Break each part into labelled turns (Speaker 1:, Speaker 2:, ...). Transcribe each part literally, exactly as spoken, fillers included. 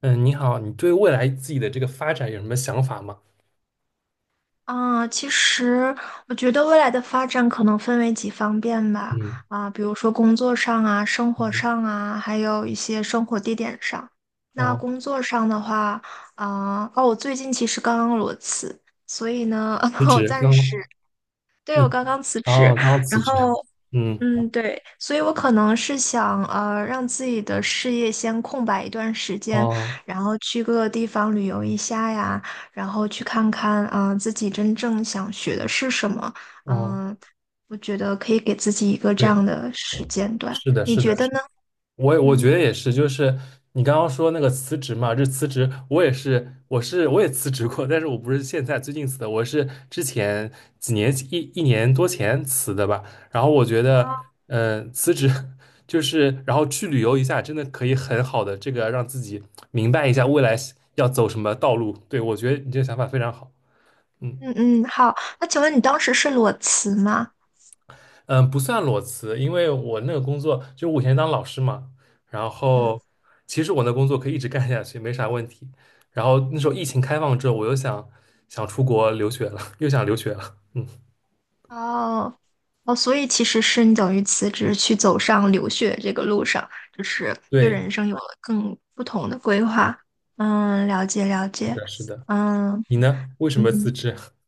Speaker 1: 嗯，你好，你对未来自己的这个发展有什么想法吗？
Speaker 2: 啊，其实我觉得未来的发展可能分为几方面吧，
Speaker 1: 嗯
Speaker 2: 啊，比如说工作上啊、生活
Speaker 1: 嗯，
Speaker 2: 上啊，还有一些生活地点上。那
Speaker 1: 哦，
Speaker 2: 工作上的话，啊，哦，我最近其实刚刚裸辞，所以呢，
Speaker 1: 辞
Speaker 2: 我
Speaker 1: 职
Speaker 2: 暂时，
Speaker 1: 刚
Speaker 2: 对，
Speaker 1: 你
Speaker 2: 我刚刚辞职，
Speaker 1: 哦，刚刚辞
Speaker 2: 然
Speaker 1: 职，
Speaker 2: 后。
Speaker 1: 嗯，
Speaker 2: 嗯，对，所以我可能是想，呃，让自己的事业先空白一段时间，
Speaker 1: 哦
Speaker 2: 然后去各个地方旅游一下呀，然后去看看，啊、自己真正想学的是什么。
Speaker 1: 哦，
Speaker 2: 嗯、我觉得可以给自己一个这
Speaker 1: 对，
Speaker 2: 样的时间段，
Speaker 1: 是的，
Speaker 2: 你
Speaker 1: 是
Speaker 2: 觉
Speaker 1: 的，
Speaker 2: 得
Speaker 1: 是的。
Speaker 2: 呢？
Speaker 1: 我我
Speaker 2: 嗯
Speaker 1: 觉得也是，就是你刚刚说那个辞职嘛，就辞职我也是，我是我也辞职过，但是我不是现在最近辞的，我是之前几年一一年多前辞的吧。然后我觉
Speaker 2: 啊，
Speaker 1: 得，嗯、辞职 就是然后去旅游一下，真的可以很好的这个让自己明白一下未来要走什么道路。对，我觉得你这个想法非常好。嗯。
Speaker 2: 嗯嗯，好。那请问你当时是裸辞吗？
Speaker 1: 嗯，不算裸辞，因为我那个工作就我以前当老师嘛，然嗯
Speaker 2: 嗯。
Speaker 1: 后其实我那工作可以一直干下去，没啥问题。然后那时候疫情开放之后，我又想想出国留学了，又想留学了。嗯，
Speaker 2: 哦，哦，所以其实是你等于辞职去走上留学这个路上，就是对
Speaker 1: 对，
Speaker 2: 人生有了更不同的规划。嗯，了解了
Speaker 1: 是
Speaker 2: 解。
Speaker 1: 的，是的。
Speaker 2: 嗯
Speaker 1: 你呢？为什么辞
Speaker 2: 嗯，
Speaker 1: 职？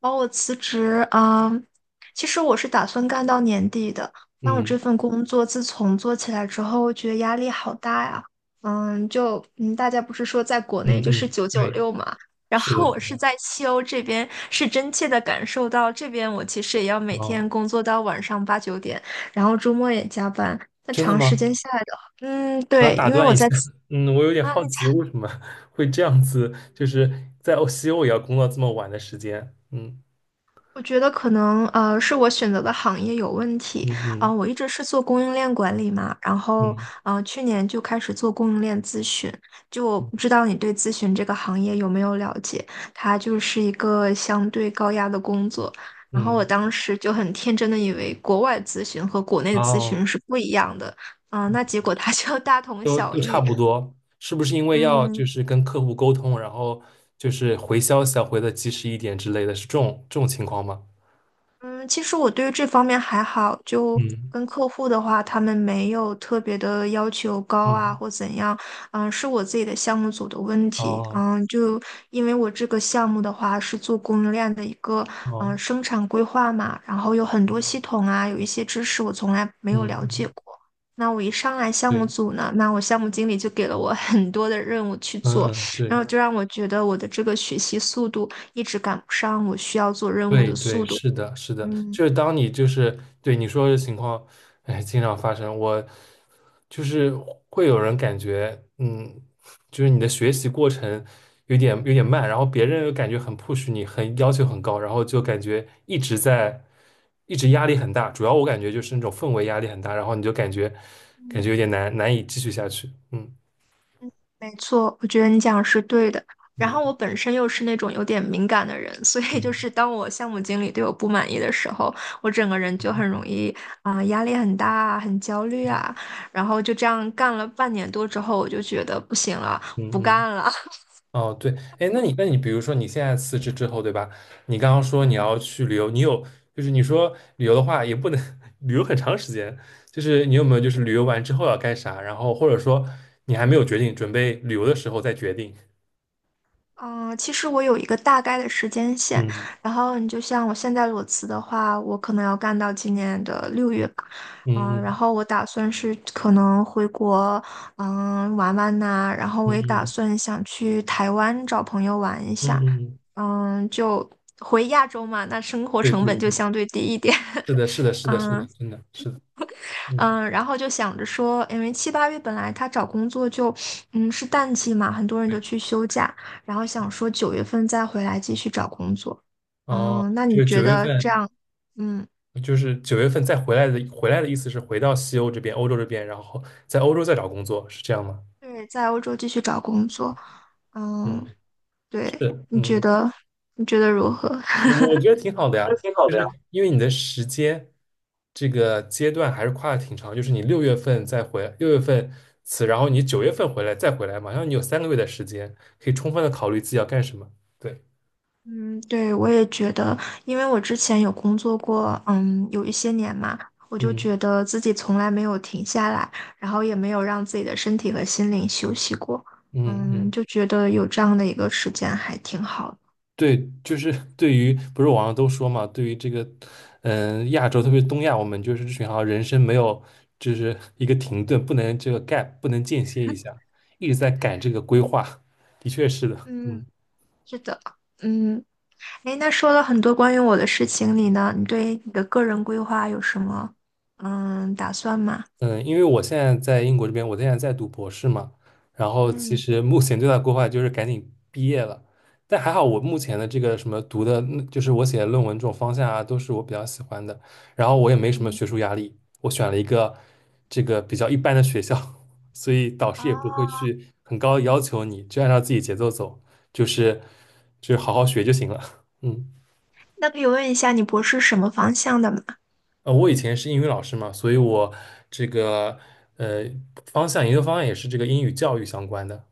Speaker 2: 哦，我辞职啊，其实我是打算干到年底的。但我这
Speaker 1: 嗯
Speaker 2: 份工作自从做起来之后，我觉得压力好大呀。嗯，就嗯，大家不是说在国内
Speaker 1: 嗯
Speaker 2: 就是
Speaker 1: 嗯，
Speaker 2: 九九
Speaker 1: 对，
Speaker 2: 六嘛，然
Speaker 1: 是的，
Speaker 2: 后
Speaker 1: 是
Speaker 2: 我是
Speaker 1: 的。
Speaker 2: 在西欧这边，是真切的感受到这边我其实也要每
Speaker 1: 哦，
Speaker 2: 天工作到晚上八九点，然后周末也加班。那
Speaker 1: 真的
Speaker 2: 长时间
Speaker 1: 吗？
Speaker 2: 下来的话，嗯，
Speaker 1: 我想
Speaker 2: 对，
Speaker 1: 打
Speaker 2: 因为
Speaker 1: 断
Speaker 2: 我
Speaker 1: 一下，
Speaker 2: 在
Speaker 1: 嗯，我有点
Speaker 2: 啊，你
Speaker 1: 好奇，为什么会这样子，就是在欧西欧也要工作这么晚的时间？嗯
Speaker 2: 我觉得可能呃是我选择的行业有问
Speaker 1: 嗯
Speaker 2: 题啊、
Speaker 1: 嗯
Speaker 2: 我一直是做供应链管理嘛，然后
Speaker 1: 嗯
Speaker 2: 嗯，去年就开始做供应链咨询，就我不知道你对咨询这个行业有没有了解？它就是一个相对高压的工作，然后我
Speaker 1: 嗯。
Speaker 2: 当时就很天真的以为国外咨询和国内咨
Speaker 1: 哦，
Speaker 2: 询是不一样的，嗯、那结果它 就大同
Speaker 1: 都
Speaker 2: 小
Speaker 1: 都差
Speaker 2: 异，
Speaker 1: 不多，是不是因为要就
Speaker 2: 嗯，
Speaker 1: 是跟客户沟通，然后就是回消息要回的及时一点之类的，是这种这种情况吗？
Speaker 2: 嗯，其实我对于这方面还好，就
Speaker 1: 嗯
Speaker 2: 跟客户的话，他们没有特别的要求高啊，
Speaker 1: 嗯，
Speaker 2: 或怎样。嗯，是我自己的项目组的问题。
Speaker 1: 哦
Speaker 2: 嗯，就因为我这个项目的话是做供应链的一个嗯
Speaker 1: 哦，
Speaker 2: 生产规划嘛，然后有很多系统啊，有一些知识我从来没有
Speaker 1: 嗯
Speaker 2: 了解
Speaker 1: 嗯，
Speaker 2: 过。那我一上来项目
Speaker 1: 对，
Speaker 2: 组呢，那我项目经理就给了我很多的任务去做，
Speaker 1: 嗯嗯
Speaker 2: 然
Speaker 1: 对。
Speaker 2: 后就让我觉得我的这个学习速度一直赶不上我需要做任务
Speaker 1: 对
Speaker 2: 的
Speaker 1: 对，
Speaker 2: 速度。
Speaker 1: 是的，是的，
Speaker 2: 嗯
Speaker 1: 就是当你就是对你说的情况，哎，经常发生，我就是会有人感觉，嗯，就是你的学习过程有点有点慢，然后别人又感觉很 push 你，很要求很高，然后就感觉一直在一直压力很大，主要我感觉就是那种氛围压力很大，然后你就感觉感
Speaker 2: 嗯
Speaker 1: 觉有点难难以继续下去，嗯
Speaker 2: 嗯，没错，我觉得你讲的是对的。然
Speaker 1: 嗯
Speaker 2: 后我本身又是那种有点敏感的人，所以就
Speaker 1: 嗯
Speaker 2: 是当我项目经理对我不满意的时候，我整个人就很容易啊、压力很大啊，很焦虑啊。然后就这样干了半年多之后，我就觉得不行了，不
Speaker 1: 嗯嗯。
Speaker 2: 干了。
Speaker 1: 哦，对，哎，那你那你比如说你现在辞职之后，对吧？你刚刚说你
Speaker 2: 嗯。
Speaker 1: 要去旅游，你有就是你说旅游的话也不能 旅游很长时间，就是你有没有就是旅游完之后要干啥？然后或者说你还没有决定，准备旅游的时候再决定。
Speaker 2: 嗯，其实我有一个大概的时间线，
Speaker 1: 嗯
Speaker 2: 然后你就像我现在裸辞的话，我可能要干到今年的六月吧，
Speaker 1: 嗯
Speaker 2: 嗯，然
Speaker 1: 嗯
Speaker 2: 后我打算是可能回国，嗯，玩玩呐、然后
Speaker 1: 嗯
Speaker 2: 我也打
Speaker 1: 嗯
Speaker 2: 算想去台湾找朋友玩一
Speaker 1: 嗯
Speaker 2: 下，
Speaker 1: 嗯，
Speaker 2: 嗯，就回亚洲嘛，那生活
Speaker 1: 对
Speaker 2: 成
Speaker 1: 对
Speaker 2: 本就
Speaker 1: 对，
Speaker 2: 相对低一点，
Speaker 1: 是 的，是的，是的，是的，
Speaker 2: 嗯，
Speaker 1: 真的是的，嗯，
Speaker 2: 嗯，然后就想着说，因为七八月本来他找工作就，嗯，是淡季嘛，很多人都
Speaker 1: 对，
Speaker 2: 去休假，然后想说九月份再回来继续找工作。
Speaker 1: 哦，
Speaker 2: 嗯，那
Speaker 1: 就
Speaker 2: 你
Speaker 1: 是
Speaker 2: 觉
Speaker 1: 九月
Speaker 2: 得这
Speaker 1: 份，
Speaker 2: 样，嗯，
Speaker 1: 就是九月份再回来的，回来的意思是回到西欧这边，欧洲这边，然后在欧洲再找工作，是这样吗？
Speaker 2: 对，在欧洲继续找工作，嗯，
Speaker 1: 嗯。是，
Speaker 2: 对，你觉
Speaker 1: 嗯，
Speaker 2: 得，你觉得如何？
Speaker 1: 我我觉得挺好的呀，
Speaker 2: 挺好
Speaker 1: 就
Speaker 2: 的呀。
Speaker 1: 是因为你的时间这个阶段还是跨的挺长，就是你六月份再回，六月份辞，然后你九月份回来再回来，嘛，然后你有三个月的时间，可以充分的考虑自己要干什么。对，
Speaker 2: 嗯，对，我也觉得，因为我之前有工作过，嗯，有一些年嘛，我就
Speaker 1: 嗯
Speaker 2: 觉得自己从来没有停下来，然后也没有让自己的身体和心灵休息过，
Speaker 1: 嗯
Speaker 2: 嗯，
Speaker 1: 嗯，
Speaker 2: 就觉得有这样的一个时间还挺好的。
Speaker 1: 对，就是 对于不是网上都说嘛，对于这个嗯亚洲，特别是东亚，我们就是这群好像人生没有就是一个停顿，不能这个 gap，不能间歇一下，一直在赶这个规划，的确是的，
Speaker 2: 嗯，
Speaker 1: 嗯。
Speaker 2: 是的，嗯，诶，那说了很多关于我的事情，你呢？你对你的个人规划有什么嗯打算吗？
Speaker 1: 嗯，因为我现在在英国这边，我现在在读博士嘛，然后其
Speaker 2: 嗯
Speaker 1: 实目前最大的规划就是赶紧毕业了。但还好，我目前的这个什么读的，嗯就是我写的论文这种方向啊，都是我比较喜欢的。然后我也没什么
Speaker 2: 嗯，
Speaker 1: 学术压力，我选了一个这个比较一般的学校，所以导师也不会
Speaker 2: 哦，
Speaker 1: 去很高的要求你，就按照自己节奏走，就是就是好好学就行了。嗯。
Speaker 2: 那可以问一下你博士什么方向的吗？
Speaker 1: 呃，我以前是英语老师嘛，所以我这个呃方向研究方向也是这个英语教育相关的。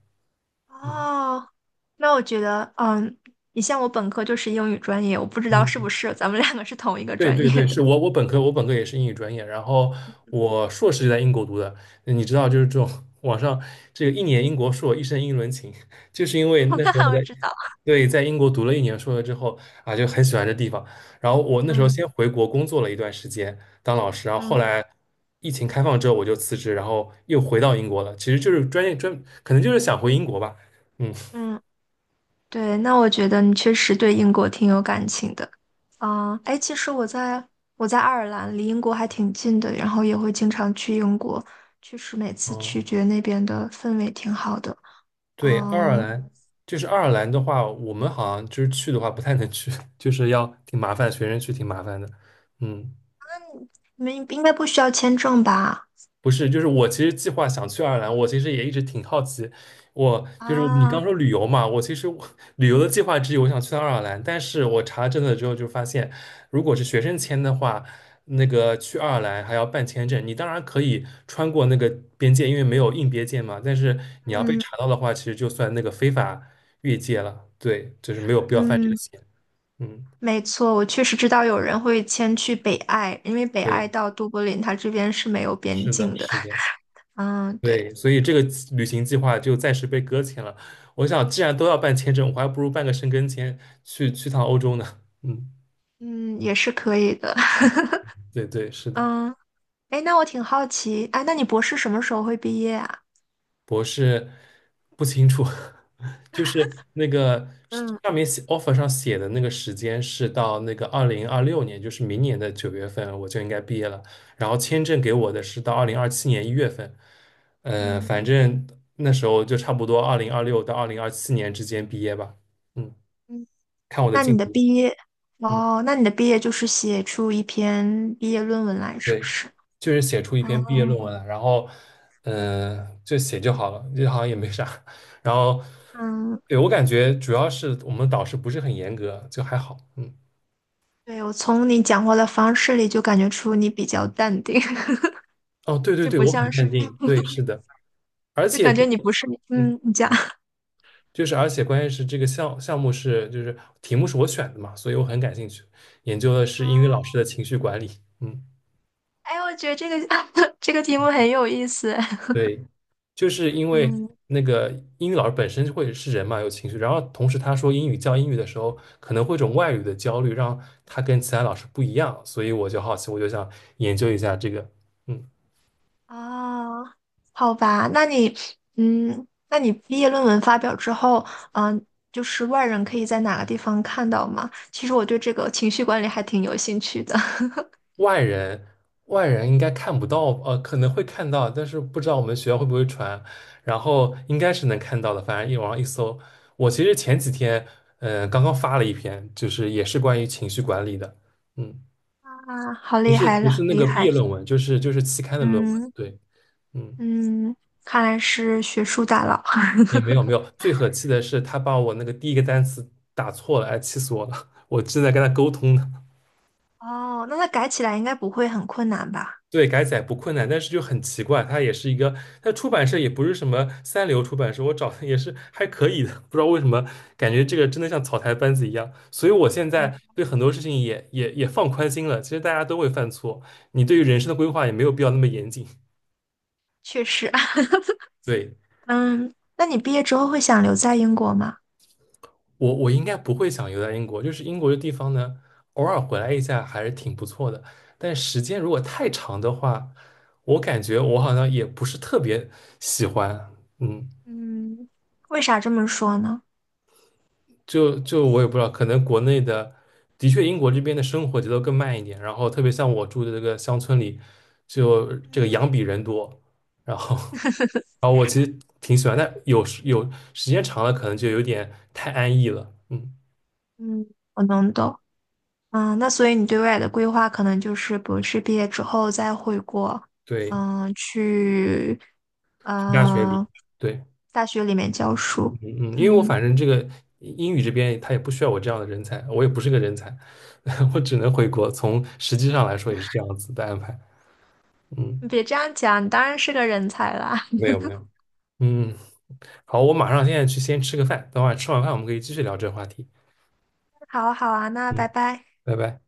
Speaker 1: 嗯
Speaker 2: 哦，那我觉得，嗯，你像我本科就是英语专业，我不知道是不
Speaker 1: 嗯。
Speaker 2: 是咱们两个是同一个
Speaker 1: 对
Speaker 2: 专
Speaker 1: 对
Speaker 2: 业
Speaker 1: 对，
Speaker 2: 的。
Speaker 1: 是我我本科我本科也是英语专业，然后我硕士就在英国读的。你知道，就是这种网上这个一年英国硕，一生英伦情，就是因 为那时候
Speaker 2: 那
Speaker 1: 在
Speaker 2: 我知道，
Speaker 1: 对在英国读了一年硕了之后啊，就很喜欢这地方。然后我那时候
Speaker 2: 嗯
Speaker 1: 先回国工作了一段时间当老师，然后后
Speaker 2: 嗯
Speaker 1: 来疫情开放之后我就辞职，然后又回到英国了。其实就是专业专，可能就是想回英国吧。嗯，
Speaker 2: 嗯，对，那我觉得你确实对英国挺有感情的。啊。哎，其实我在我在爱尔兰，离英国还挺近的，然后也会经常去英国，确实每次
Speaker 1: 哦。
Speaker 2: 去觉得那边的氛围挺好的。
Speaker 1: 对，爱尔
Speaker 2: 嗯，
Speaker 1: 兰就是爱尔兰的话，我们好像就是去的话不太能去，就是要挺麻烦，学生去挺麻烦的。嗯，
Speaker 2: 你们应该不需要签证吧？
Speaker 1: 不是，就是我其实计划想去爱尔兰，我其实也一直挺好奇。我就是你
Speaker 2: 啊，
Speaker 1: 刚说旅游嘛，我其实我 旅游的计划之一，我想去趟爱尔兰，但是我查证了之后就发现，如果是学生签的话，那个去爱尔兰还要办签证。你当然可以穿过那个边界，因为没有硬边界嘛，但是你要被
Speaker 2: 嗯
Speaker 1: 查到的话，其实就算那个非法越界了。对，就是没有必要犯这个
Speaker 2: 嗯。
Speaker 1: 险。嗯，
Speaker 2: 没错，我确实知道有人会迁去北爱，因为北爱
Speaker 1: 对，
Speaker 2: 到都柏林，它这边是没有边
Speaker 1: 是的，
Speaker 2: 境的。
Speaker 1: 是的。
Speaker 2: 嗯，对，
Speaker 1: 对，所以这个旅行计划就暂时被搁浅了。我想，既然都要办签证，我还不如办个申根签去去趟欧洲呢。嗯，
Speaker 2: 嗯，也是可以的。
Speaker 1: 对对，是的。
Speaker 2: 嗯，哎，那我挺好奇，哎，那你博士什么时候会毕业啊？
Speaker 1: 博士不清楚，就是那个
Speaker 2: 嗯
Speaker 1: 上面写 offer 上写的那个时间是到那个二零二六年，就是明年的九月份我就应该毕业了。然后签证给我的是到二零二七年一月份，呃，
Speaker 2: 嗯
Speaker 1: 反正那时候就差不多二零二六到二零二七年之间毕业吧。嗯，
Speaker 2: 嗯，
Speaker 1: 看我的
Speaker 2: 那
Speaker 1: 进
Speaker 2: 你的
Speaker 1: 度。
Speaker 2: 毕业，
Speaker 1: 嗯。
Speaker 2: 哦，那你的毕业就是写出一篇毕业论文来，是不
Speaker 1: 对，
Speaker 2: 是？
Speaker 1: 就是写出一篇毕业
Speaker 2: 哦，
Speaker 1: 论文来，然后，嗯、就写就好了，就好像也没啥。然后，
Speaker 2: 嗯，
Speaker 1: 对，我感觉主要是我们导师不是很严格，就还好。嗯，
Speaker 2: 对，我从你讲话的方式里就感觉出你比较淡定，
Speaker 1: 哦，对对
Speaker 2: 就
Speaker 1: 对，
Speaker 2: 不
Speaker 1: 我很
Speaker 2: 像
Speaker 1: 淡
Speaker 2: 是，
Speaker 1: 定。对，是 的，而
Speaker 2: 就
Speaker 1: 且
Speaker 2: 感觉
Speaker 1: 关
Speaker 2: 你不是，
Speaker 1: 嗯，
Speaker 2: 嗯，你讲。
Speaker 1: 就是而且关键是这个项项目是就是题目是我选的嘛，所以我很感兴趣，研究的是英语
Speaker 2: 哦
Speaker 1: 老师的情绪管理。嗯，
Speaker 2: 哎，我觉得这个 这个题目很有意思。
Speaker 1: 对。就是因 为
Speaker 2: 嗯，
Speaker 1: 那个英语老师本身就会是人嘛，有情绪，然后同时他说英语教英语的时候，可能会有一种外语的焦虑，让他跟其他老师不一样，所以我就好奇，我就想研究一下这个。嗯，
Speaker 2: 啊，好吧，那你，嗯，那你毕业论文发表之后，嗯，就是外人可以在哪个地方看到吗？其实我对这个情绪管理还挺有兴趣的。
Speaker 1: 外人外人应该看不到，呃，可能会看到，但是不知道我们学校会不会传，然后应该是能看到的，反正一网上一搜，我其实前几天，呃，刚刚发了一篇，就是也是关于情绪管理的，嗯，
Speaker 2: 啊，好
Speaker 1: 不
Speaker 2: 厉
Speaker 1: 是
Speaker 2: 害
Speaker 1: 不
Speaker 2: 了，
Speaker 1: 是那
Speaker 2: 厉
Speaker 1: 个毕
Speaker 2: 害。
Speaker 1: 业论文，就是就是期刊的论文。
Speaker 2: 嗯
Speaker 1: 对。嗯，
Speaker 2: 嗯，看来是学术大佬。
Speaker 1: 也没有没有，最可气的是他把我那个第一个单词打错了，哎，气死我了！我正在跟他沟通呢。
Speaker 2: 哦，那他改起来应该不会很困难吧？
Speaker 1: 对，改载不困难，但是就很奇怪，他也是一个，他出版社也不是什么三流出版社，我找的也是还可以的，不知道为什么感觉这个真的像草台班子一样，所以我现
Speaker 2: 嗯，
Speaker 1: 在对很多事情也也也放宽心了。其实大家都会犯错，你对于人生的规划也没有必要那么严谨。
Speaker 2: 确实。
Speaker 1: 对，
Speaker 2: 嗯，那你毕业之后会想留在英国吗？
Speaker 1: 我我应该不会想留在英国，就是英国这地方呢，偶尔回来一下还是挺不错的。但时间如果太长的话，我感觉我好像也不是特别喜欢。嗯，
Speaker 2: 嗯，为啥这么说呢？
Speaker 1: 就就我也不知道，可能国内的，的确英国这边的生活节奏更慢一点。然后特别像我住的这个乡村里，就这个羊比人多。然后，然后我其实挺喜欢，但有时有时间长了，可能就有点太安逸了。嗯，
Speaker 2: 嗯，我能懂。嗯，那所以你对未来的规划可能就是博士毕业之后再回国，
Speaker 1: 对，
Speaker 2: 嗯，去
Speaker 1: 去大哦学里，
Speaker 2: 呃
Speaker 1: 对。
Speaker 2: 大学里面教
Speaker 1: 嗯
Speaker 2: 书。
Speaker 1: 嗯，因为我
Speaker 2: 嗯，
Speaker 1: 反正这个英语这边他也不需要我这样的人才，我也不是个人才，我只能回国。从实际上来说也是这样子的安排。嗯
Speaker 2: 你别这样讲，你当然是个人才啦。
Speaker 1: 没有没有，嗯，好，我马上现在去先吃个饭，等会儿吃完饭我们可以继续聊这个话题。
Speaker 2: 好啊好啊，那拜
Speaker 1: 嗯，
Speaker 2: 拜。
Speaker 1: 拜拜。